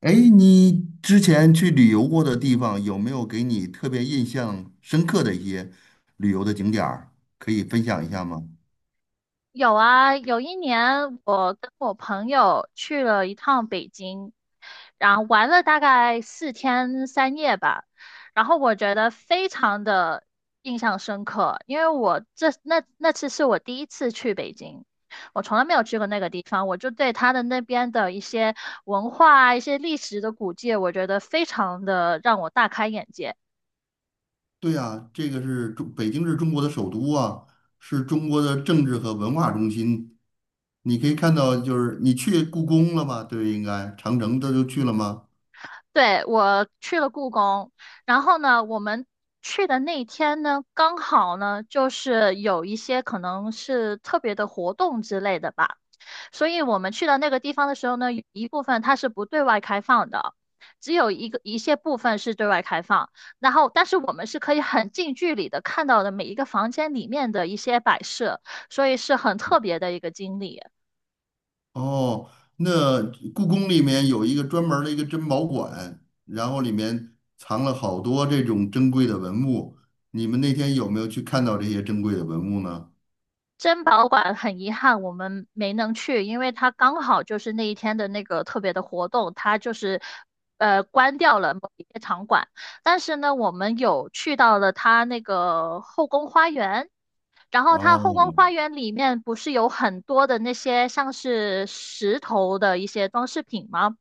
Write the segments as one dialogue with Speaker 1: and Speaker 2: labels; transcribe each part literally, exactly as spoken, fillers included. Speaker 1: 哎，你之前去旅游过的地方，有没有给你特别印象深刻的一些旅游的景点儿，可以分享一下吗？
Speaker 2: 有啊。有一年我跟我朋友去了一趟北京，然后玩了大概四天三夜吧。然后我觉得非常的印象深刻，因为我这那那次是我第一次去北京，我从来没有去过那个地方，我就对它的那边的一些文化啊、一些历史的古迹，我觉得非常的让我大开眼界。
Speaker 1: 对呀，这个是中，北京是中国的首都啊，是中国的政治和文化中心。你可以看到，就是你去故宫了吗？对，应该长城这都去了吗？
Speaker 2: 对，我去了故宫，然后呢，我们去的那天呢，刚好呢，就是有一些可能是特别的活动之类的吧，所以我们去到那个地方的时候呢，有一部分它是不对外开放的，只有一个一些部分是对外开放，然后但是我们是可以很近距离的看到的每一个房间里面的一些摆设，所以是很特别的一个经历。
Speaker 1: 哦，那故宫里面有一个专门儿的一个珍宝馆，然后里面藏了好多这种珍贵的文物。你们那天有没有去看到这些珍贵的文物呢？
Speaker 2: 珍宝馆很遗憾我们没能去，因为它刚好就是那一天的那个特别的活动，它就是呃关掉了某一些场馆。但是呢，我们有去到了它那个后宫花园，然后它后宫
Speaker 1: 哦，
Speaker 2: 花园里面不是有很多的那些像是石头的一些装饰品吗？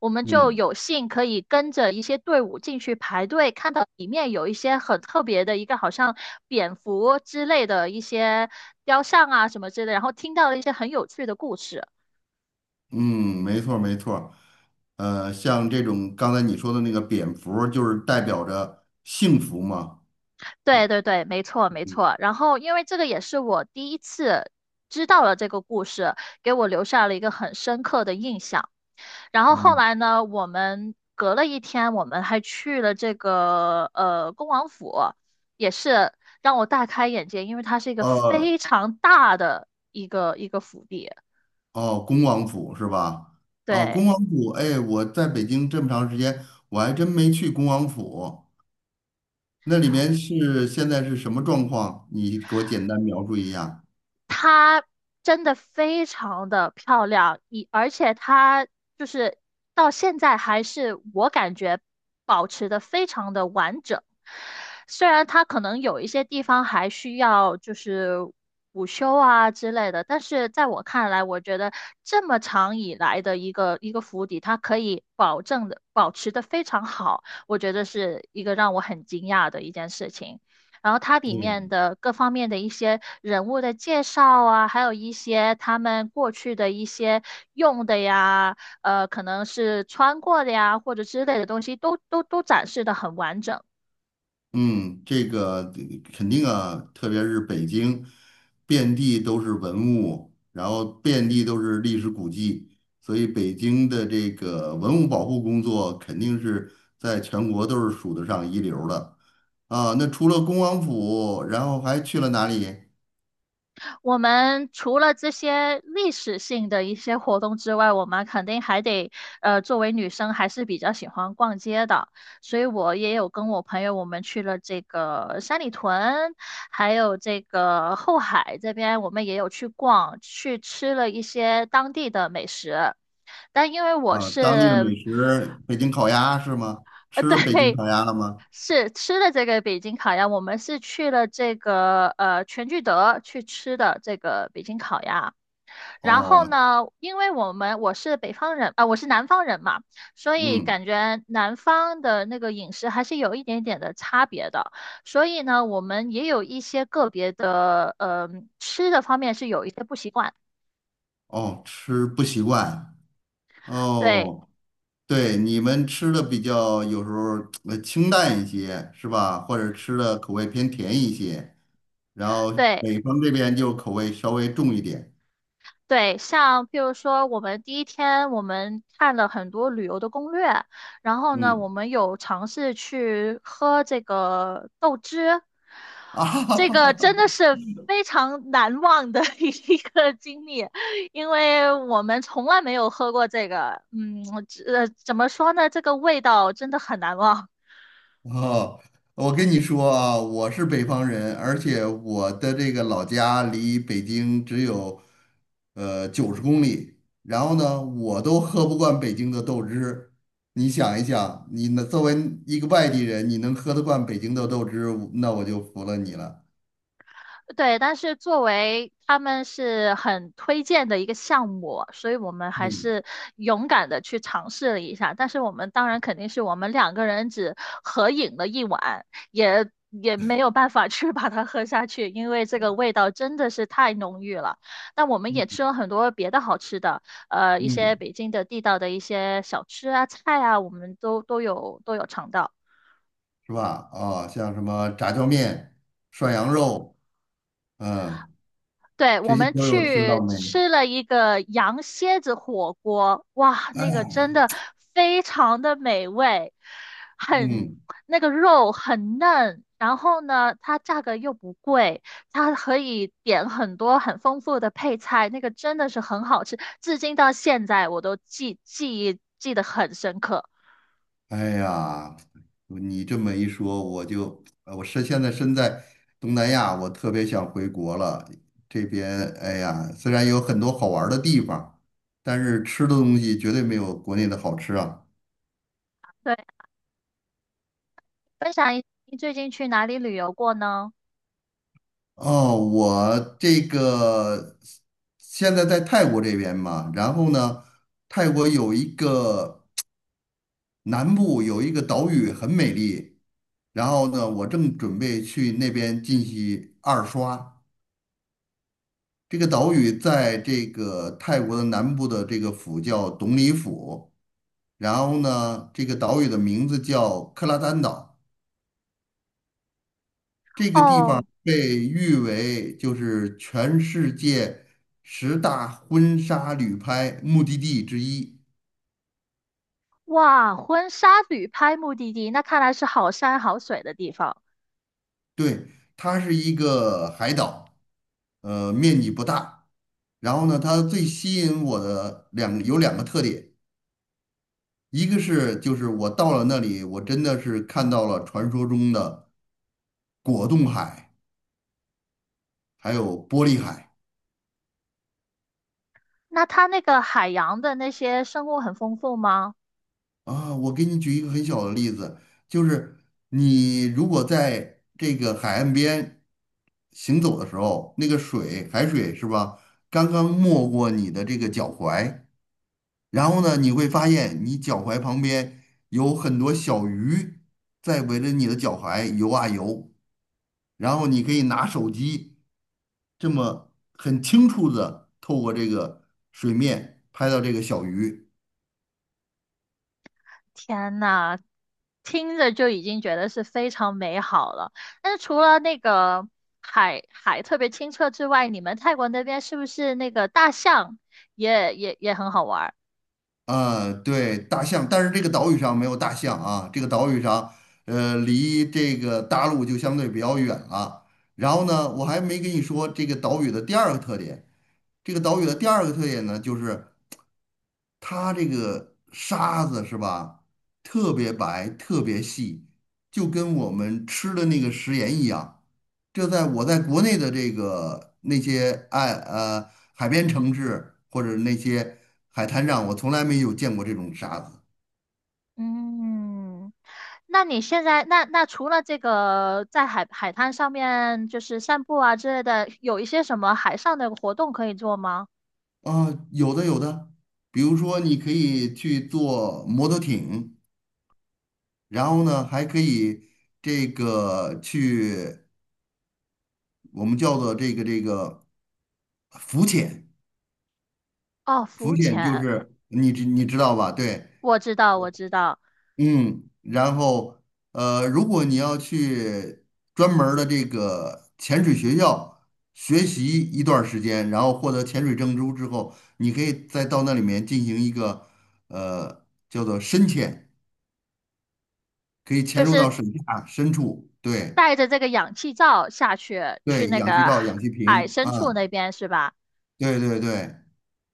Speaker 2: 我们就
Speaker 1: 嗯
Speaker 2: 有幸可以跟着一些队伍进去排队，看到里面有一些很特别的一个好像蝙蝠之类的一些雕像啊什么之类的，然后听到了一些很有趣的故事。
Speaker 1: 嗯，没错儿没错儿呃，像这种刚才你说的那个蝙蝠儿就是代表着幸福嘛。
Speaker 2: 对对对，没错没错。然后因为这个也是我第一次知道了这个故事，给我留下了一个很深刻的印象。然后后
Speaker 1: 嗯，
Speaker 2: 来呢，我们隔了一天，我们还去了这个呃恭王府，也是让我大开眼界，因为它是一个
Speaker 1: 呃，
Speaker 2: 非常大的一个一个府邸。
Speaker 1: 哦，恭王府是吧？哦，恭
Speaker 2: 对，
Speaker 1: 王府，哎，我在北京这么长时间，我还真没去恭王府。那里面是现在是什么状况？你给我简单描述一下。
Speaker 2: 真的非常的漂亮，以而且它就是到现在还是我感觉保持的非常的完整，虽然它可能有一些地方还需要就是补修啊之类的，但是在我看来，我觉得这么长以来的一个一个府邸，它可以保证的保持的非常好，我觉得是一个让我很惊讶的一件事情。然后它里
Speaker 1: 对，
Speaker 2: 面的各方面的一些人物的介绍啊，还有一些他们过去的一些用的呀，呃，可能是穿过的呀，或者之类的东西，都都都展示的很完整。
Speaker 1: 嗯，这个肯定啊，特别是北京，遍地都是文物，然后遍地都是历史古迹，所以北京的这个文物保护工作肯定是在全国都是数得上一流的啊。那除了恭王府，然后还去了哪里
Speaker 2: 我们除了这些历史性的一些活动之外，我们肯定还得，呃，作为女生还是比较喜欢逛街的，所以我也有跟我朋友我们去了这个三里屯，还有这个后海这边，我们也有去逛，去吃了一些当地的美食。但因为我
Speaker 1: 啊？当地的美
Speaker 2: 是，
Speaker 1: 食，北京烤鸭是吗？
Speaker 2: 呃，
Speaker 1: 吃了 北京
Speaker 2: 对，
Speaker 1: 烤鸭了吗？
Speaker 2: 是吃的这个北京烤鸭，我们是去了这个呃全聚德去吃的这个北京烤鸭。然后
Speaker 1: 哦，
Speaker 2: 呢，因为我们我是北方人啊、呃我是南方人嘛，所以
Speaker 1: 嗯。
Speaker 2: 感觉南方的那个饮食还是有一点点的差别的。所以呢，我们也有一些个别的，呃，吃的方面是有一些不习惯。
Speaker 1: 哦，吃不习惯
Speaker 2: 对
Speaker 1: 哦，对，你们吃的比较有时候呃清淡一些是吧？或者吃的口味偏甜一些，然后
Speaker 2: 对，
Speaker 1: 北方这边就口味稍微重一点，
Speaker 2: 对，像譬如说，我们第一天我们看了很多旅游的攻略，然后呢，
Speaker 1: 嗯
Speaker 2: 我们有尝试去喝这个豆汁，
Speaker 1: 啊，
Speaker 2: 这个真 的是非常难忘的 一个经历，因为我们从来没有喝过这个，嗯，我只呃，怎么说呢，这个味道真的很难忘。
Speaker 1: 哦，我跟你说啊，我是北方人，而且我的这个老家离北京只有呃九十公里。然后呢，我都喝不惯北京的豆汁。你想一想，你呢作为一个外地人，你能喝得惯北京的豆汁，那我就服了你了。
Speaker 2: 对，但是作为他们是很推荐的一个项目，所以我们还
Speaker 1: 嗯
Speaker 2: 是勇敢的去尝试了一下。但是我们当然肯定是我们两个人只合影了一碗，也也没有办法去把它喝下去，因为这个味道真的是太浓郁了。那我们也吃
Speaker 1: 嗯，
Speaker 2: 了很多别的好吃的，呃，一些
Speaker 1: 嗯，
Speaker 2: 北京的地道的一些小吃啊、菜啊，我们都都有都有尝到。
Speaker 1: 是吧？啊、像什么炸酱面、涮羊肉，嗯，
Speaker 2: 对，我
Speaker 1: 这些
Speaker 2: 们
Speaker 1: 都有吃
Speaker 2: 去
Speaker 1: 到没？
Speaker 2: 吃了一个羊蝎子火锅，哇，那个
Speaker 1: 哎
Speaker 2: 真的非常的美味，很，
Speaker 1: 嗯。
Speaker 2: 那个肉很嫩，然后呢，它价格又不贵，它可以点很多很丰富的配菜，那个真的是很好吃，至今到现在我都记记忆记得很深刻。
Speaker 1: 哎呀，你这么一说，我就呃我是现在身在东南亚，我特别想回国了。这边哎呀，虽然有很多好玩儿的地方，但是吃的东西绝对没有国内的好吃啊。
Speaker 2: 对，分享一你最近去哪里旅游过呢？
Speaker 1: 哦，我这个现在在泰国这边嘛，然后呢，泰国有一个南部有一个岛屿很美丽，然后呢，我正准备去那边进行二刷。这个岛屿在这个泰国的南部的这个府叫董里府，然后呢，这个岛屿的名字叫克拉丹岛。这个地方
Speaker 2: 哦，
Speaker 1: 被誉为就是全世界十大婚纱旅拍目的地之一。
Speaker 2: 哇，婚纱旅拍目的地，那看来是好山好水的地方。
Speaker 1: 对，它是一个海岛，呃，面积不大。然后呢，它最吸引我的两有两个特点，一个是就是我到了那里，我真的是看到了传说中的。果冻海，还有玻璃海
Speaker 2: 那它那个海洋的那些生物很丰富吗？
Speaker 1: 啊。我给你举一个很小的例子，就是你如果在这个海岸边行走的时候，那个水，海水是吧，刚刚没过你的这个脚踝，然后呢，你会发现你脚踝旁边有很多小鱼在围着你的脚踝游啊游，然后你可以拿手机。这么很清楚的透过这个水面拍到这个小鱼，
Speaker 2: 天呐，听着就已经觉得是非常美好了。但是除了那个海海特别清澈之外，你们泰国那边是不是那个大象也也也很好玩儿？
Speaker 1: 呃，对，大象，但是这个岛屿上没有大象啊，这个岛屿上，呃，离这个大陆就相对比较远了。然后呢，我还没跟你说这个岛屿的第二个特点，这个岛屿的第二个特点呢，就是它这个沙子是吧，特别白，特别细，就跟我们吃的那个食盐一样。这在我在国内的这个那些爱呃海边城市或者那些海滩上，我从来没有见过这种沙子
Speaker 2: 嗯。那你现在那那除了这个在海海滩上面就是散步啊之类的，有一些什么海上的活动可以做吗？
Speaker 1: 啊，有的有的，比如说你可以去坐摩托艇，然后呢还可以这个去我们叫做这个这个浮潜，
Speaker 2: 哦，
Speaker 1: 浮
Speaker 2: 浮
Speaker 1: 潜就
Speaker 2: 潜，
Speaker 1: 是你知你知道吧？对，
Speaker 2: 我知道我知道，
Speaker 1: 嗯，然后呃，如果你要去专门儿的这个潜水学校学习一段儿时间，然后获得潜水证书之后，你可以再到那里面进行一个呃叫做深潜，可以潜入到水下深处。对
Speaker 2: 带着这个氧气罩下去，去
Speaker 1: 对，
Speaker 2: 那
Speaker 1: 氧气
Speaker 2: 个
Speaker 1: 罩、氧
Speaker 2: 海
Speaker 1: 气
Speaker 2: 海
Speaker 1: 瓶
Speaker 2: 深处
Speaker 1: 啊，
Speaker 2: 那边是吧？
Speaker 1: 对对对，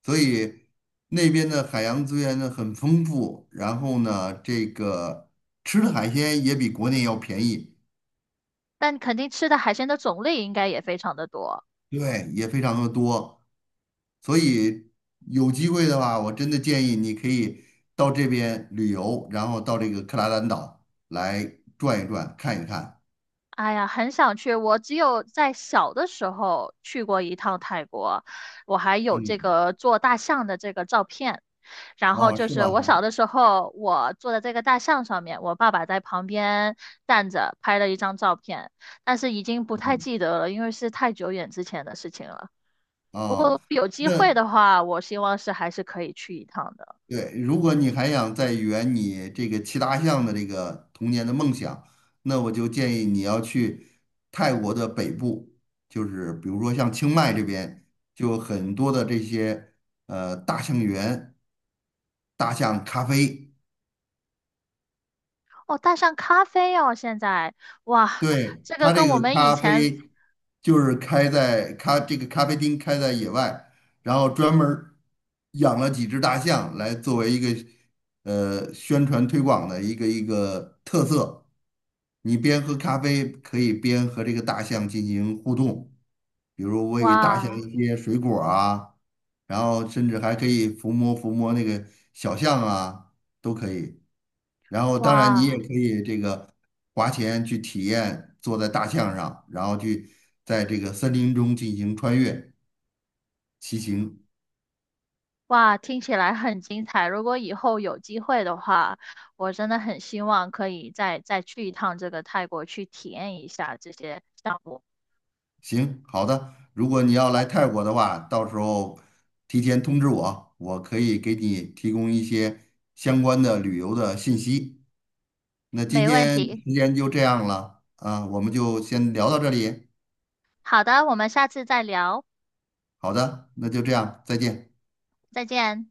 Speaker 1: 所以那边的海洋资源呢很丰富，然后呢，这个吃的海鲜也比国内要便宜。
Speaker 2: 但肯定吃的海鲜的种类应该也非常的多。
Speaker 1: 对，也非常的多，所以有机会的话，我真的建议你可以到这边旅游，然后到这个克拉兰岛来转一转，看一看。
Speaker 2: 哎呀，很想去。我只有在小的时候去过一趟泰国，我还有这
Speaker 1: 嗯，
Speaker 2: 个做大象的这个照片。然后
Speaker 1: 哦，
Speaker 2: 就
Speaker 1: 是
Speaker 2: 是
Speaker 1: 吧？
Speaker 2: 我
Speaker 1: 哈，
Speaker 2: 小的时候，我坐在这个大象上面，我爸爸在旁边站着拍了一张照片，但是已经不太
Speaker 1: 嗯，
Speaker 2: 记得了，因为是太久远之前的事情了。不
Speaker 1: 哦，
Speaker 2: 过有机
Speaker 1: 那
Speaker 2: 会的话，我希望是还是可以去一趟的。
Speaker 1: 对，如果你还想再圆你这个骑大象的这个童年的梦想，那我就建议你要去泰国的北部，就是比如说像清迈这边，就有很多的这些呃大象园、大象咖啡。
Speaker 2: 哦，大象咖啡哦，现在哇，
Speaker 1: 对，
Speaker 2: 这个
Speaker 1: 他
Speaker 2: 跟
Speaker 1: 这
Speaker 2: 我
Speaker 1: 个
Speaker 2: 们以
Speaker 1: 咖
Speaker 2: 前
Speaker 1: 啡就是开在咖这个咖啡厅开在野外，然后专门儿养了几只大象来作为一个呃宣传推广的一个一个特色。你边喝咖啡可以边和这个大象进行互动，比如喂大象
Speaker 2: 哇
Speaker 1: 一些水果儿啊，然后甚至还可以抚摸抚摸那个小象啊，都可以。然后当然你也
Speaker 2: 哇。
Speaker 1: 可以这个花钱去体验坐在大象上，然后去在这个森林中进行穿越骑行。
Speaker 2: 哇，听起来很精彩。如果以后有机会的话，我真的很希望可以再再去一趟这个泰国，去体验一下这些项目。
Speaker 1: 行，好的。如果你要来泰国的话，到时候提前通知我，我可以给你提供一些相关的旅游的信息。那今
Speaker 2: 没问
Speaker 1: 天
Speaker 2: 题。
Speaker 1: 时间就这样了啊，我们就先聊到这里。
Speaker 2: 好的，我们下次再聊，
Speaker 1: 好的，那就这样，再见。
Speaker 2: 再见。